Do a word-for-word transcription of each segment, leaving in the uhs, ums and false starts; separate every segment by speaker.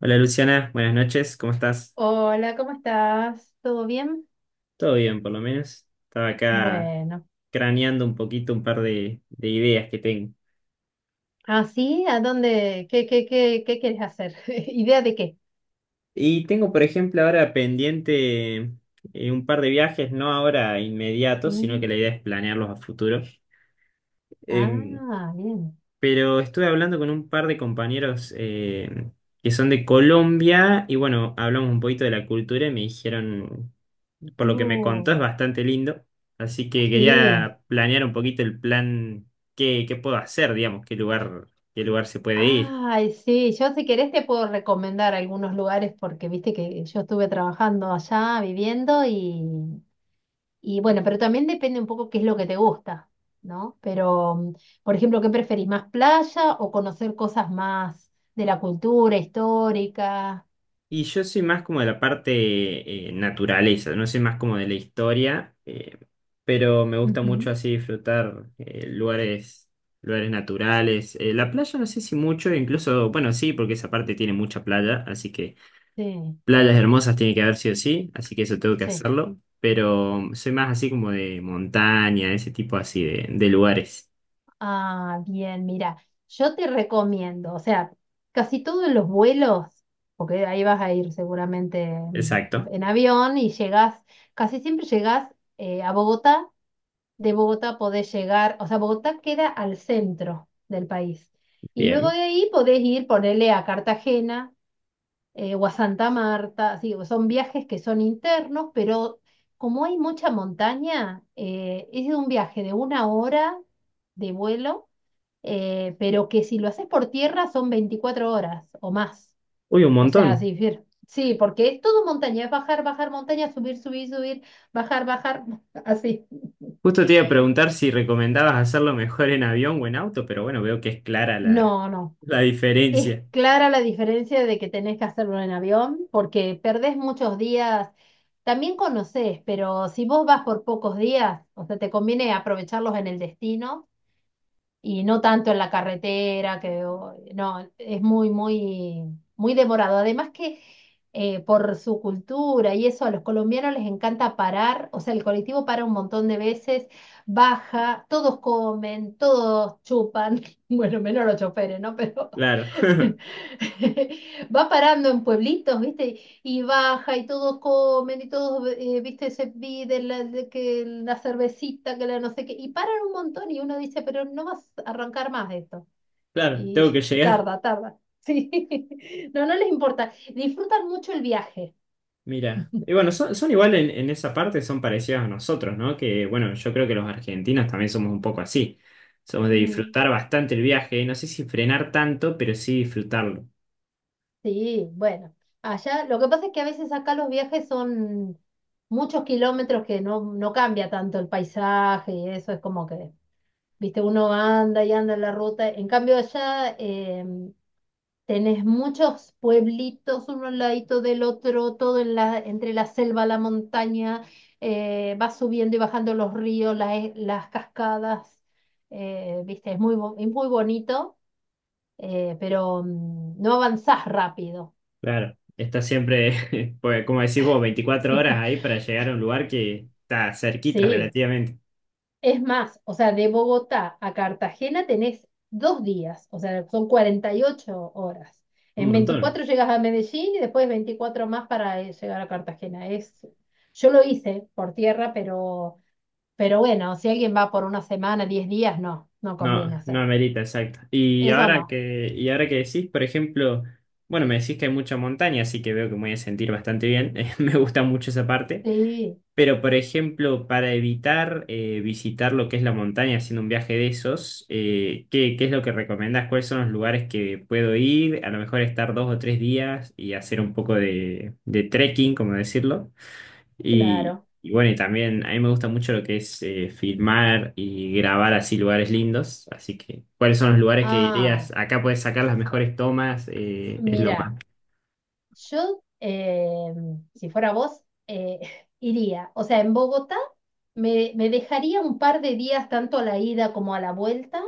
Speaker 1: Hola Luciana, buenas noches, ¿cómo estás?
Speaker 2: Hola, ¿cómo estás? ¿Todo bien?
Speaker 1: Todo bien, por lo menos. Estaba acá
Speaker 2: Bueno,
Speaker 1: craneando un poquito un par de, de ideas que tengo.
Speaker 2: ¿así? ¿A dónde? ¿Qué, qué, qué, qué quieres hacer? ¿Idea de qué?
Speaker 1: Y tengo, por ejemplo, ahora pendiente eh, un par de viajes, no ahora inmediatos, sino que
Speaker 2: Mm.
Speaker 1: la idea es planearlos a futuro. Em,
Speaker 2: Ah, bien.
Speaker 1: pero estuve hablando con un par de compañeros em, que son de Colombia y bueno, hablamos un poquito de la cultura y me dijeron por lo que me
Speaker 2: Uh,
Speaker 1: contó, es bastante lindo. Así que
Speaker 2: sí.
Speaker 1: quería planear un poquito el plan, qué, qué puedo hacer, digamos, qué lugar, qué lugar se puede ir.
Speaker 2: Ay, sí. Yo si querés te puedo recomendar algunos lugares porque viste que yo estuve trabajando allá, viviendo y, y bueno, pero también depende un poco qué es lo que te gusta, ¿no? Pero, mm, por ejemplo, ¿qué preferís? ¿Más playa o conocer cosas más de la cultura histórica?
Speaker 1: Y yo soy más como de la parte eh, naturaleza, no soy más como de la historia, eh, pero me gusta mucho
Speaker 2: Ujú.
Speaker 1: así disfrutar eh, lugares, lugares naturales. Eh, la playa no sé si mucho, incluso, bueno, sí, porque esa parte tiene mucha playa, así que
Speaker 2: Sí,
Speaker 1: playas hermosas tiene que haber sí o sí, así que eso tengo que
Speaker 2: sí.
Speaker 1: hacerlo. Pero soy más así como de montaña, ese tipo así de, de lugares.
Speaker 2: Ah, bien, mira, yo te recomiendo, o sea, casi todos los vuelos, porque ahí vas a ir seguramente en,
Speaker 1: Exacto.
Speaker 2: en avión y llegás, casi siempre llegás eh, a Bogotá, de Bogotá podés llegar, o sea, Bogotá queda al centro del país. Y luego
Speaker 1: Bien.
Speaker 2: de ahí podés ir, ponerle a Cartagena eh, o a Santa Marta, sí, son viajes que son internos, pero como hay mucha montaña, eh, es un viaje de una hora de vuelo, eh, pero que si lo haces por tierra son veinticuatro horas o más.
Speaker 1: Uy, un
Speaker 2: O sea,
Speaker 1: montón.
Speaker 2: sí, fir- sí, porque es todo montaña, es bajar, bajar montaña, subir, subir, subir, bajar, bajar, así.
Speaker 1: Justo te iba a preguntar si recomendabas hacerlo mejor en avión o en auto, pero bueno, veo que es clara la,
Speaker 2: No, no.
Speaker 1: la
Speaker 2: Es
Speaker 1: diferencia.
Speaker 2: clara la diferencia de que tenés que hacerlo en avión, porque perdés muchos días. También conocés, pero si vos vas por pocos días, o sea, te conviene aprovecharlos en el destino y no tanto en la carretera, que o- no, es muy, muy, muy demorado. Además que eh, por su cultura y eso, a los colombianos les encanta parar, o sea, el colectivo para un montón de veces, baja, todos comen, todos chupan, bueno, menos los choferes, ¿no? Pero
Speaker 1: Claro,
Speaker 2: va parando en pueblitos, ¿viste? Y baja y todos comen y todos, eh, viste, se piden la, de que la cervecita, que la no sé qué, y paran un montón y uno dice, pero no vas a arrancar más esto.
Speaker 1: claro,
Speaker 2: Y
Speaker 1: tengo que llegar.
Speaker 2: tarda, tarda. Sí, no, no les importa. Disfrutan mucho el viaje.
Speaker 1: Mira, y bueno, son, son igual en, en esa parte, son parecidos a nosotros, ¿no? Que bueno, yo creo que los argentinos también somos un poco así. Somos de
Speaker 2: Mm.
Speaker 1: disfrutar bastante el viaje, no sé si frenar tanto, pero sí disfrutarlo.
Speaker 2: Sí, bueno, allá lo que pasa es que a veces acá los viajes son muchos kilómetros que no, no cambia tanto el paisaje y eso es como que, viste, uno anda y anda en la ruta. En cambio allá... em, Tenés muchos pueblitos uno al ladito del otro, todo en la, entre la selva, la montaña, eh, vas subiendo y bajando los ríos, la e- las cascadas, eh, viste, es muy, bo- es muy bonito, eh, pero mm, no avanzás rápido.
Speaker 1: Claro, está siempre, pues, como decís vos, veinticuatro horas ahí para llegar a un lugar que está cerquita
Speaker 2: Sí,
Speaker 1: relativamente.
Speaker 2: es más, o sea, de Bogotá a Cartagena tenés dos días, o sea, son cuarenta y ocho horas.
Speaker 1: Un
Speaker 2: En
Speaker 1: montón.
Speaker 2: veinticuatro llegas a Medellín y después veinticuatro más para eh, llegar a Cartagena. Es, yo lo hice por tierra, pero, pero bueno, si alguien va por una semana, diez días, no, no
Speaker 1: No,
Speaker 2: conviene
Speaker 1: no
Speaker 2: hacerlo.
Speaker 1: amerita, exacto. Y
Speaker 2: Eso
Speaker 1: ahora
Speaker 2: no.
Speaker 1: que, y ahora que decís, por ejemplo, bueno, me decís que hay mucha montaña, así que veo que me voy a sentir bastante bien. Me gusta mucho esa parte.
Speaker 2: Sí,
Speaker 1: Pero, por ejemplo, para evitar eh, visitar lo que es la montaña haciendo un viaje de esos, eh, ¿qué, qué es lo que recomendás? ¿Cuáles son los lugares que puedo ir? A lo mejor estar dos o tres días y hacer un poco de, de trekking, como decirlo. Y,
Speaker 2: claro.
Speaker 1: y bueno, y también a mí me gusta mucho lo que es eh, filmar y grabar así lugares lindos. Así que, ¿cuáles son los lugares que
Speaker 2: Ah,
Speaker 1: dirías? Acá puedes sacar las mejores tomas, eh, es lo más.
Speaker 2: mira. Yo, eh, si fuera vos, eh, iría. O sea, en Bogotá me, me dejaría un par de días tanto a la ida como a la vuelta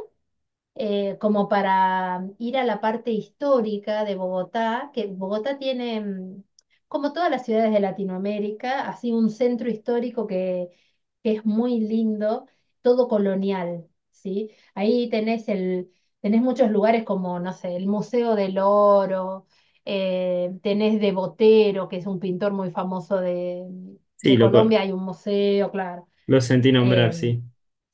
Speaker 2: eh, como para mm, ir a la parte histórica de Bogotá, que Bogotá tiene, mm, como todas las ciudades de Latinoamérica, así un centro histórico que, que es muy lindo, todo colonial, ¿sí? Ahí tenés el, tenés muchos lugares como, no sé, el Museo del Oro, eh, tenés de Botero, que es un pintor muy famoso de,
Speaker 1: Sí,
Speaker 2: de
Speaker 1: lo, co-
Speaker 2: Colombia, hay un museo, claro.
Speaker 1: lo sentí nombrar,
Speaker 2: em,
Speaker 1: sí.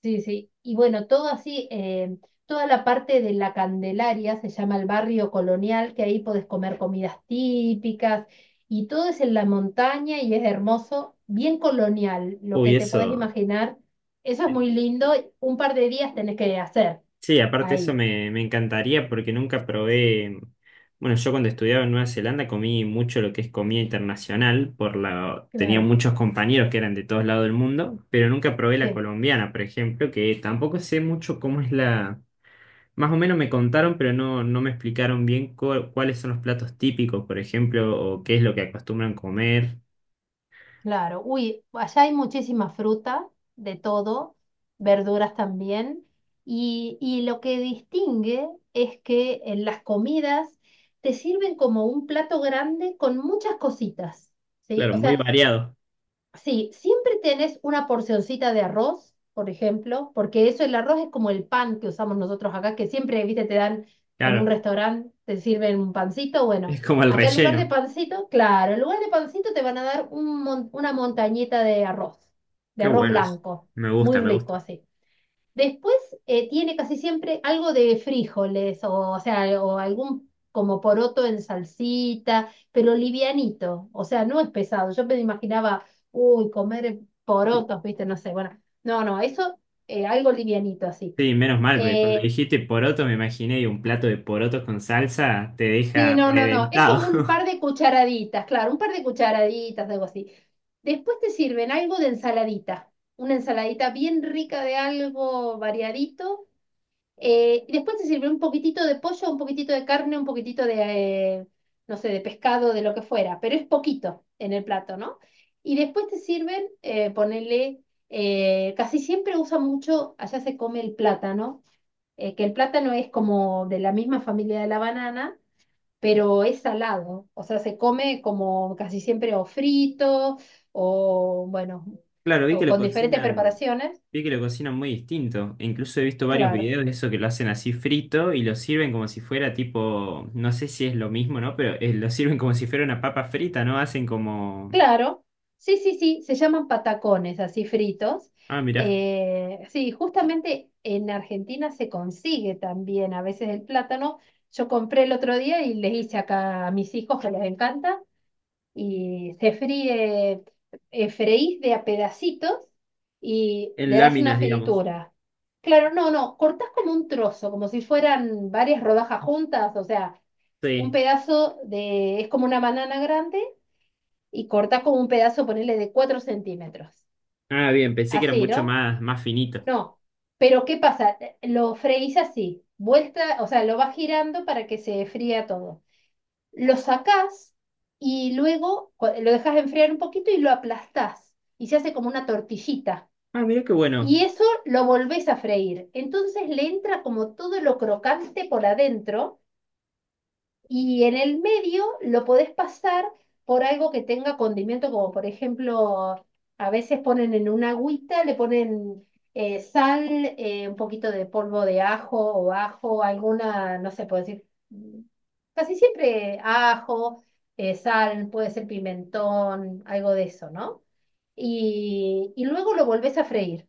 Speaker 2: Sí, sí. Y bueno, todo así, eh, toda la parte de la Candelaria se llama el barrio colonial, que ahí podés comer comidas típicas y todo es en la montaña y es hermoso, bien colonial, lo que
Speaker 1: Uy,
Speaker 2: te podés
Speaker 1: eso.
Speaker 2: imaginar. Eso es muy lindo. Un par de días tenés que hacer
Speaker 1: Sí, aparte eso
Speaker 2: ahí.
Speaker 1: me, me encantaría porque nunca probé, bueno, yo cuando estudiaba en Nueva Zelanda comí mucho lo que es comida internacional, por la, tenía
Speaker 2: Claro,
Speaker 1: muchos compañeros que eran de todos lados del mundo, pero nunca probé la
Speaker 2: sí.
Speaker 1: colombiana, por ejemplo, que tampoco sé mucho cómo es la, más o menos me contaron, pero no, no me explicaron bien cu- cuáles son los platos típicos, por ejemplo, o qué es lo que acostumbran comer.
Speaker 2: Claro, uy, allá hay muchísima fruta, de todo, verduras también, y, y lo que distingue es que en las comidas te sirven como un plato grande con muchas cositas, ¿sí?
Speaker 1: Claro,
Speaker 2: O
Speaker 1: muy
Speaker 2: sea,
Speaker 1: variado,
Speaker 2: sí, siempre tenés una porcioncita de arroz, por ejemplo, porque eso, el arroz es como el pan que usamos nosotros acá, que siempre, viste, te dan en un
Speaker 1: claro,
Speaker 2: restaurante, te sirven un pancito. Bueno,
Speaker 1: es como el
Speaker 2: acá en lugar de
Speaker 1: relleno.
Speaker 2: pancito, claro, en lugar de pancito te van a dar un mon- una montañita de arroz, de
Speaker 1: Qué
Speaker 2: arroz
Speaker 1: bueno, es-
Speaker 2: blanco,
Speaker 1: me
Speaker 2: muy
Speaker 1: gusta, me gusta.
Speaker 2: rico así. Después eh, tiene casi siempre algo de frijoles o, o sea, o algún como poroto en salsita, pero livianito, o sea, no es pesado. Yo me imaginaba, uy, comer porotos, viste, no sé, bueno, no, no, eso eh, algo livianito así.
Speaker 1: Sí, menos mal, porque cuando
Speaker 2: Eh,
Speaker 1: dijiste poroto me imaginé y un plato de porotos con salsa te
Speaker 2: sí,
Speaker 1: deja
Speaker 2: no, no, no, es como un
Speaker 1: reventado.
Speaker 2: par de cucharaditas, claro, un par de cucharaditas, algo así. Después te sirven algo de ensaladita, una ensaladita bien rica de algo variadito. Eh, y después se sirvió un poquitito de pollo, un poquitito de carne, un poquitito de, eh, no sé, de pescado, de lo que fuera, pero es poquito en el plato, ¿no? Y después te sirven, eh, ponele, eh, casi siempre usan mucho, allá se come el plátano, eh, que el plátano es como de la misma familia de la banana, pero es salado, o sea, se come como casi siempre o frito, o bueno,
Speaker 1: Claro, vi
Speaker 2: o
Speaker 1: que lo
Speaker 2: con diferentes
Speaker 1: cocinan,
Speaker 2: preparaciones.
Speaker 1: vi que lo cocinan muy distinto. E incluso he visto varios
Speaker 2: Claro.
Speaker 1: videos de eso que lo hacen así frito y lo sirven como si fuera tipo, no sé si es lo mismo, ¿no? Pero eh, lo sirven como si fuera una papa frita, ¿no? Hacen como,
Speaker 2: Claro, sí, sí, sí, se llaman patacones, así fritos.
Speaker 1: ah, mirá,
Speaker 2: Eh, sí, justamente en Argentina se consigue también a veces el plátano. Yo compré el otro día y les hice acá a mis hijos que les encanta y se fríe, eh, freís de a pedacitos y
Speaker 1: en
Speaker 2: le das una
Speaker 1: láminas, digamos.
Speaker 2: fritura. Claro, no, no, cortás como un trozo, como si fueran varias rodajas juntas, o sea, un
Speaker 1: Sí.
Speaker 2: pedazo de, es como una banana grande y cortás como un pedazo, ponerle de cuatro centímetros.
Speaker 1: Ah, bien, pensé que era
Speaker 2: Así,
Speaker 1: mucho
Speaker 2: ¿no?
Speaker 1: más, más finito.
Speaker 2: No. Pero ¿qué pasa? Lo freís así, vuelta, o sea, lo vas girando para que se fría todo. Lo sacás y luego cu- lo dejas enfriar un poquito y lo aplastás y se hace como una tortillita.
Speaker 1: Ah, mirá qué bueno.
Speaker 2: Y eso lo volvés a freír. Entonces le entra como todo lo crocante por adentro y en el medio lo podés pasar por algo que tenga condimento, como por ejemplo, a veces ponen en una agüita, le ponen eh, sal, eh, un poquito de polvo de ajo o ajo, alguna, no sé, puedo decir, mm, casi siempre ajo, eh, sal, puede ser pimentón, algo de eso, ¿no? Y, y luego lo volvés a freír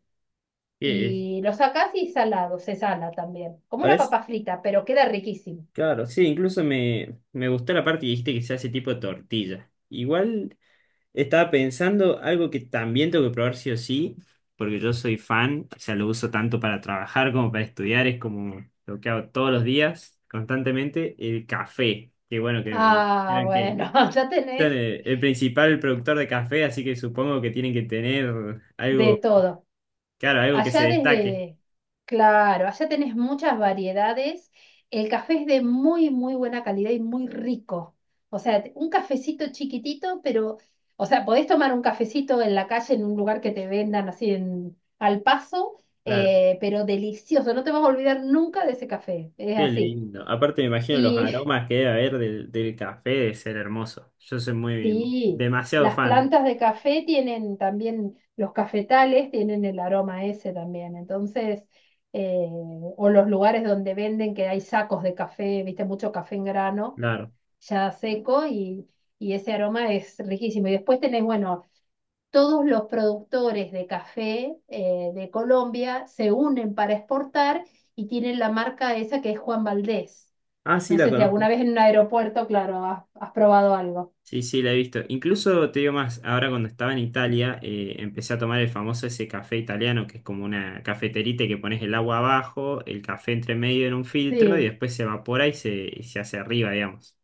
Speaker 1: Eh, eh,
Speaker 2: y lo sacás y salado, se sala también, como una
Speaker 1: parece
Speaker 2: papa frita, pero queda riquísimo.
Speaker 1: claro, sí, incluso me, me gustó la parte que dijiste que se hace tipo tortilla. Igual estaba pensando algo que también tengo que probar sí o sí, porque yo soy fan, o sea, lo uso tanto para trabajar como para estudiar, es como lo que hago todos los días, constantemente, el café. Que bueno, que me
Speaker 2: Ah,
Speaker 1: dijeron que
Speaker 2: bueno, ya
Speaker 1: son
Speaker 2: tenés
Speaker 1: el, el principal productor de café, así que supongo que tienen que tener
Speaker 2: de
Speaker 1: algo,
Speaker 2: todo.
Speaker 1: claro, algo que se
Speaker 2: Allá
Speaker 1: destaque.
Speaker 2: desde, claro, allá tenés muchas variedades. El café es de muy, muy buena calidad y muy rico. O sea, un cafecito chiquitito, pero, o sea, podés tomar un cafecito en la calle, en un lugar que te vendan así en, al paso, eh, pero delicioso. No te vas a olvidar nunca de ese café. Es
Speaker 1: Qué
Speaker 2: así.
Speaker 1: lindo. Aparte me imagino los
Speaker 2: Y
Speaker 1: aromas que debe haber del, del café de ser hermoso. Yo soy muy
Speaker 2: sí,
Speaker 1: demasiado
Speaker 2: las
Speaker 1: fan,
Speaker 2: plantas de café tienen también, los cafetales tienen el aroma ese también, entonces, eh, o los lugares donde venden que hay sacos de café, viste, mucho café en grano,
Speaker 1: claro.
Speaker 2: ya seco, y, y ese aroma es riquísimo. Y después tenés, bueno, todos los productores de café eh, de Colombia se unen para exportar y tienen la marca esa que es Juan Valdés.
Speaker 1: Ah, sí,
Speaker 2: No
Speaker 1: la
Speaker 2: sé si
Speaker 1: conozco.
Speaker 2: alguna vez en un aeropuerto, claro, has has probado algo.
Speaker 1: Sí, sí, la he visto. Incluso te digo más, ahora cuando estaba en Italia, eh, empecé a tomar el famoso ese café italiano, que es como una cafeterita que pones el agua abajo, el café entre medio en un filtro y
Speaker 2: Sí.
Speaker 1: después se evapora y se, y se hace arriba, digamos.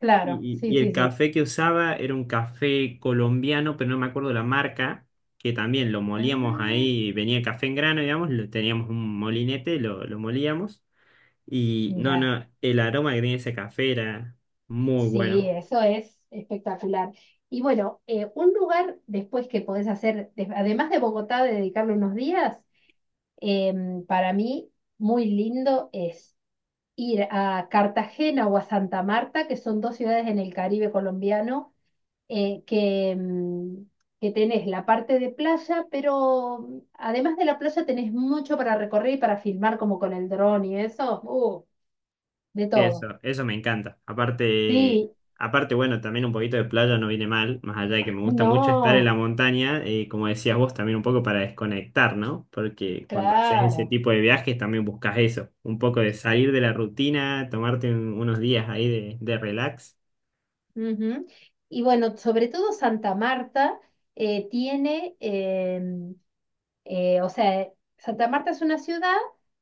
Speaker 2: Claro,
Speaker 1: Y, y-
Speaker 2: sí,
Speaker 1: y el
Speaker 2: sí, sí.
Speaker 1: café que usaba era un café colombiano, pero no me acuerdo la marca, que también lo molíamos
Speaker 2: Ah,
Speaker 1: ahí, venía el café en grano, digamos, lo, teníamos un molinete, lo, lo molíamos. Y no, no,
Speaker 2: mira,
Speaker 1: el aroma que tenía ese café era muy
Speaker 2: sí,
Speaker 1: bueno.
Speaker 2: eso es espectacular. Y bueno, eh, un lugar después que podés hacer, de- además de Bogotá, de dedicarle unos días, em, para mí muy lindo es ir a Cartagena o a Santa Marta, que son dos ciudades en el Caribe colombiano, eh, que, em, que tenés la parte de playa, pero mm, además de la playa tenés mucho para recorrer y para filmar como con el dron y eso, uh, de todo.
Speaker 1: Eso, eso me encanta. Aparte,
Speaker 2: Sí,
Speaker 1: aparte, bueno, también un poquito de playa no viene mal, más allá de que me gusta mucho estar en la
Speaker 2: no,
Speaker 1: montaña, eh, como decías vos, también un poco para desconectar, ¿no? Porque cuando haces ese
Speaker 2: claro.
Speaker 1: tipo de viajes también buscas eso, un poco de salir de la rutina, tomarte un- unos días ahí de, de relax.
Speaker 2: Ujú. Y bueno, sobre todo Santa Marta eh, tiene, em, eh, o sea, Santa Marta es una ciudad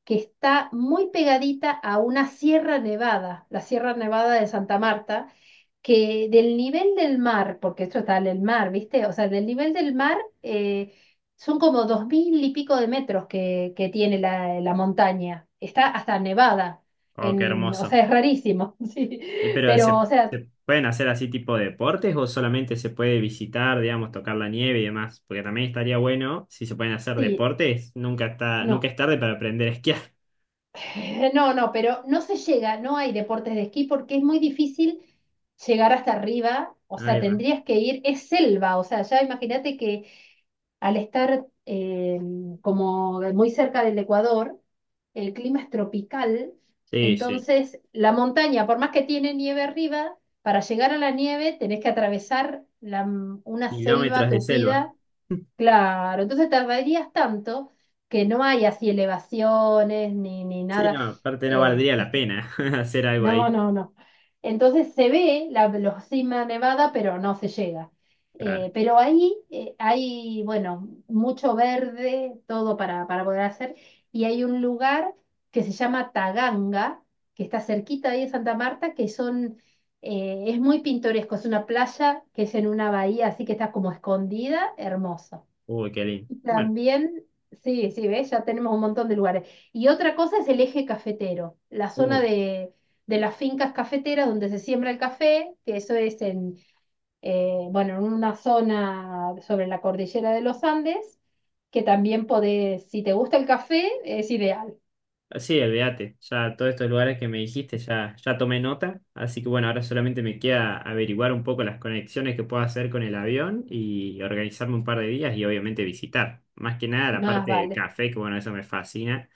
Speaker 2: que está muy pegadita a una sierra nevada, la Sierra Nevada de Santa Marta, que del nivel del mar, porque esto está en el mar, ¿viste? O sea, del nivel del mar eh, son como dos mil y pico de metros que, que tiene la, la montaña. Está hasta nevada.
Speaker 1: Oh, qué
Speaker 2: En, o
Speaker 1: hermoso.
Speaker 2: sea, es rarísimo, sí.
Speaker 1: Eh, pero
Speaker 2: Pero,
Speaker 1: ¿se,
Speaker 2: o sea,
Speaker 1: se pueden hacer así tipo de deportes o solamente se puede visitar, digamos, tocar la nieve y demás? Porque también estaría bueno, si se pueden hacer
Speaker 2: sí,
Speaker 1: deportes, nunca está, nunca
Speaker 2: no.
Speaker 1: es tarde para aprender a esquiar.
Speaker 2: No, no, pero no se llega, no hay deportes de esquí porque es muy difícil llegar hasta arriba. O sea,
Speaker 1: Ahí va.
Speaker 2: tendrías que ir, es selva, o sea, ya imagínate que al estar eh, como muy cerca del Ecuador, el clima es tropical,
Speaker 1: Sí, sí.
Speaker 2: entonces la montaña, por más que tiene nieve arriba, para llegar a la nieve tenés que atravesar la- una selva
Speaker 1: Kilómetros de selva.
Speaker 2: tupida. Claro, entonces tardarías tanto que no hay así elevaciones ni, ni
Speaker 1: Sí,
Speaker 2: nada.
Speaker 1: no, aparte no
Speaker 2: Eh,
Speaker 1: valdría la
Speaker 2: este,
Speaker 1: pena hacer algo
Speaker 2: no,
Speaker 1: ahí.
Speaker 2: no, no. Entonces se ve la, la cima nevada, pero no se llega.
Speaker 1: Claro.
Speaker 2: Eh, pero ahí eh, hay, bueno, mucho verde, todo para, para poder hacer. Y hay un lugar que se llama Taganga, que está cerquita ahí de Santa Marta, que son, eh, es muy pintoresco. Es una playa que es en una bahía, así que está como escondida, hermoso.
Speaker 1: Uy, qué lindo. Bueno,
Speaker 2: También, sí, sí, ¿ves? Ya tenemos un montón de lugares. Y otra cosa es el eje cafetero, la zona
Speaker 1: uy.
Speaker 2: de, de las fincas cafeteras donde se siembra el café, que eso es en, eh, bueno, en una zona sobre la cordillera de los Andes, que también podés, si te gusta el café, es ideal,
Speaker 1: Sí, olvídate. Ya todos estos lugares que me dijiste ya, ya tomé nota. Así que bueno, ahora solamente me queda averiguar un poco las conexiones que puedo hacer con el avión y organizarme un par de días y obviamente visitar. Más que nada la
Speaker 2: más
Speaker 1: parte del
Speaker 2: vale.
Speaker 1: café, que bueno, eso me fascina.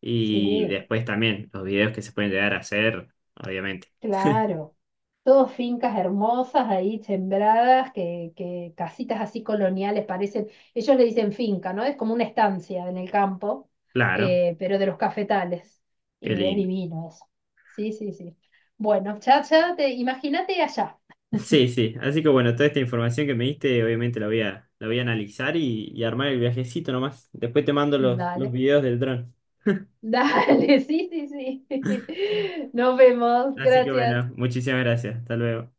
Speaker 1: Y
Speaker 2: Sí.
Speaker 1: después también los videos que se pueden llegar a hacer, obviamente.
Speaker 2: Claro, todos fincas hermosas ahí sembradas, que, que casitas así coloniales parecen, ellos le dicen finca, ¿no? Es como una estancia en el campo,
Speaker 1: Claro,
Speaker 2: eh, pero de los cafetales.
Speaker 1: qué
Speaker 2: Y es
Speaker 1: lindo.
Speaker 2: divino eso. Sí, sí, sí. Bueno, chacha, te, imagínate allá.
Speaker 1: Sí, sí. Así que bueno, toda esta información que me diste, obviamente la voy a, la voy a analizar y, y armar el viajecito nomás. Después te mando los, los
Speaker 2: Dale,
Speaker 1: videos del dron.
Speaker 2: dale, sí, sí, sí. Nos vemos,
Speaker 1: Así que bueno,
Speaker 2: gracias.
Speaker 1: muchísimas gracias. Hasta luego.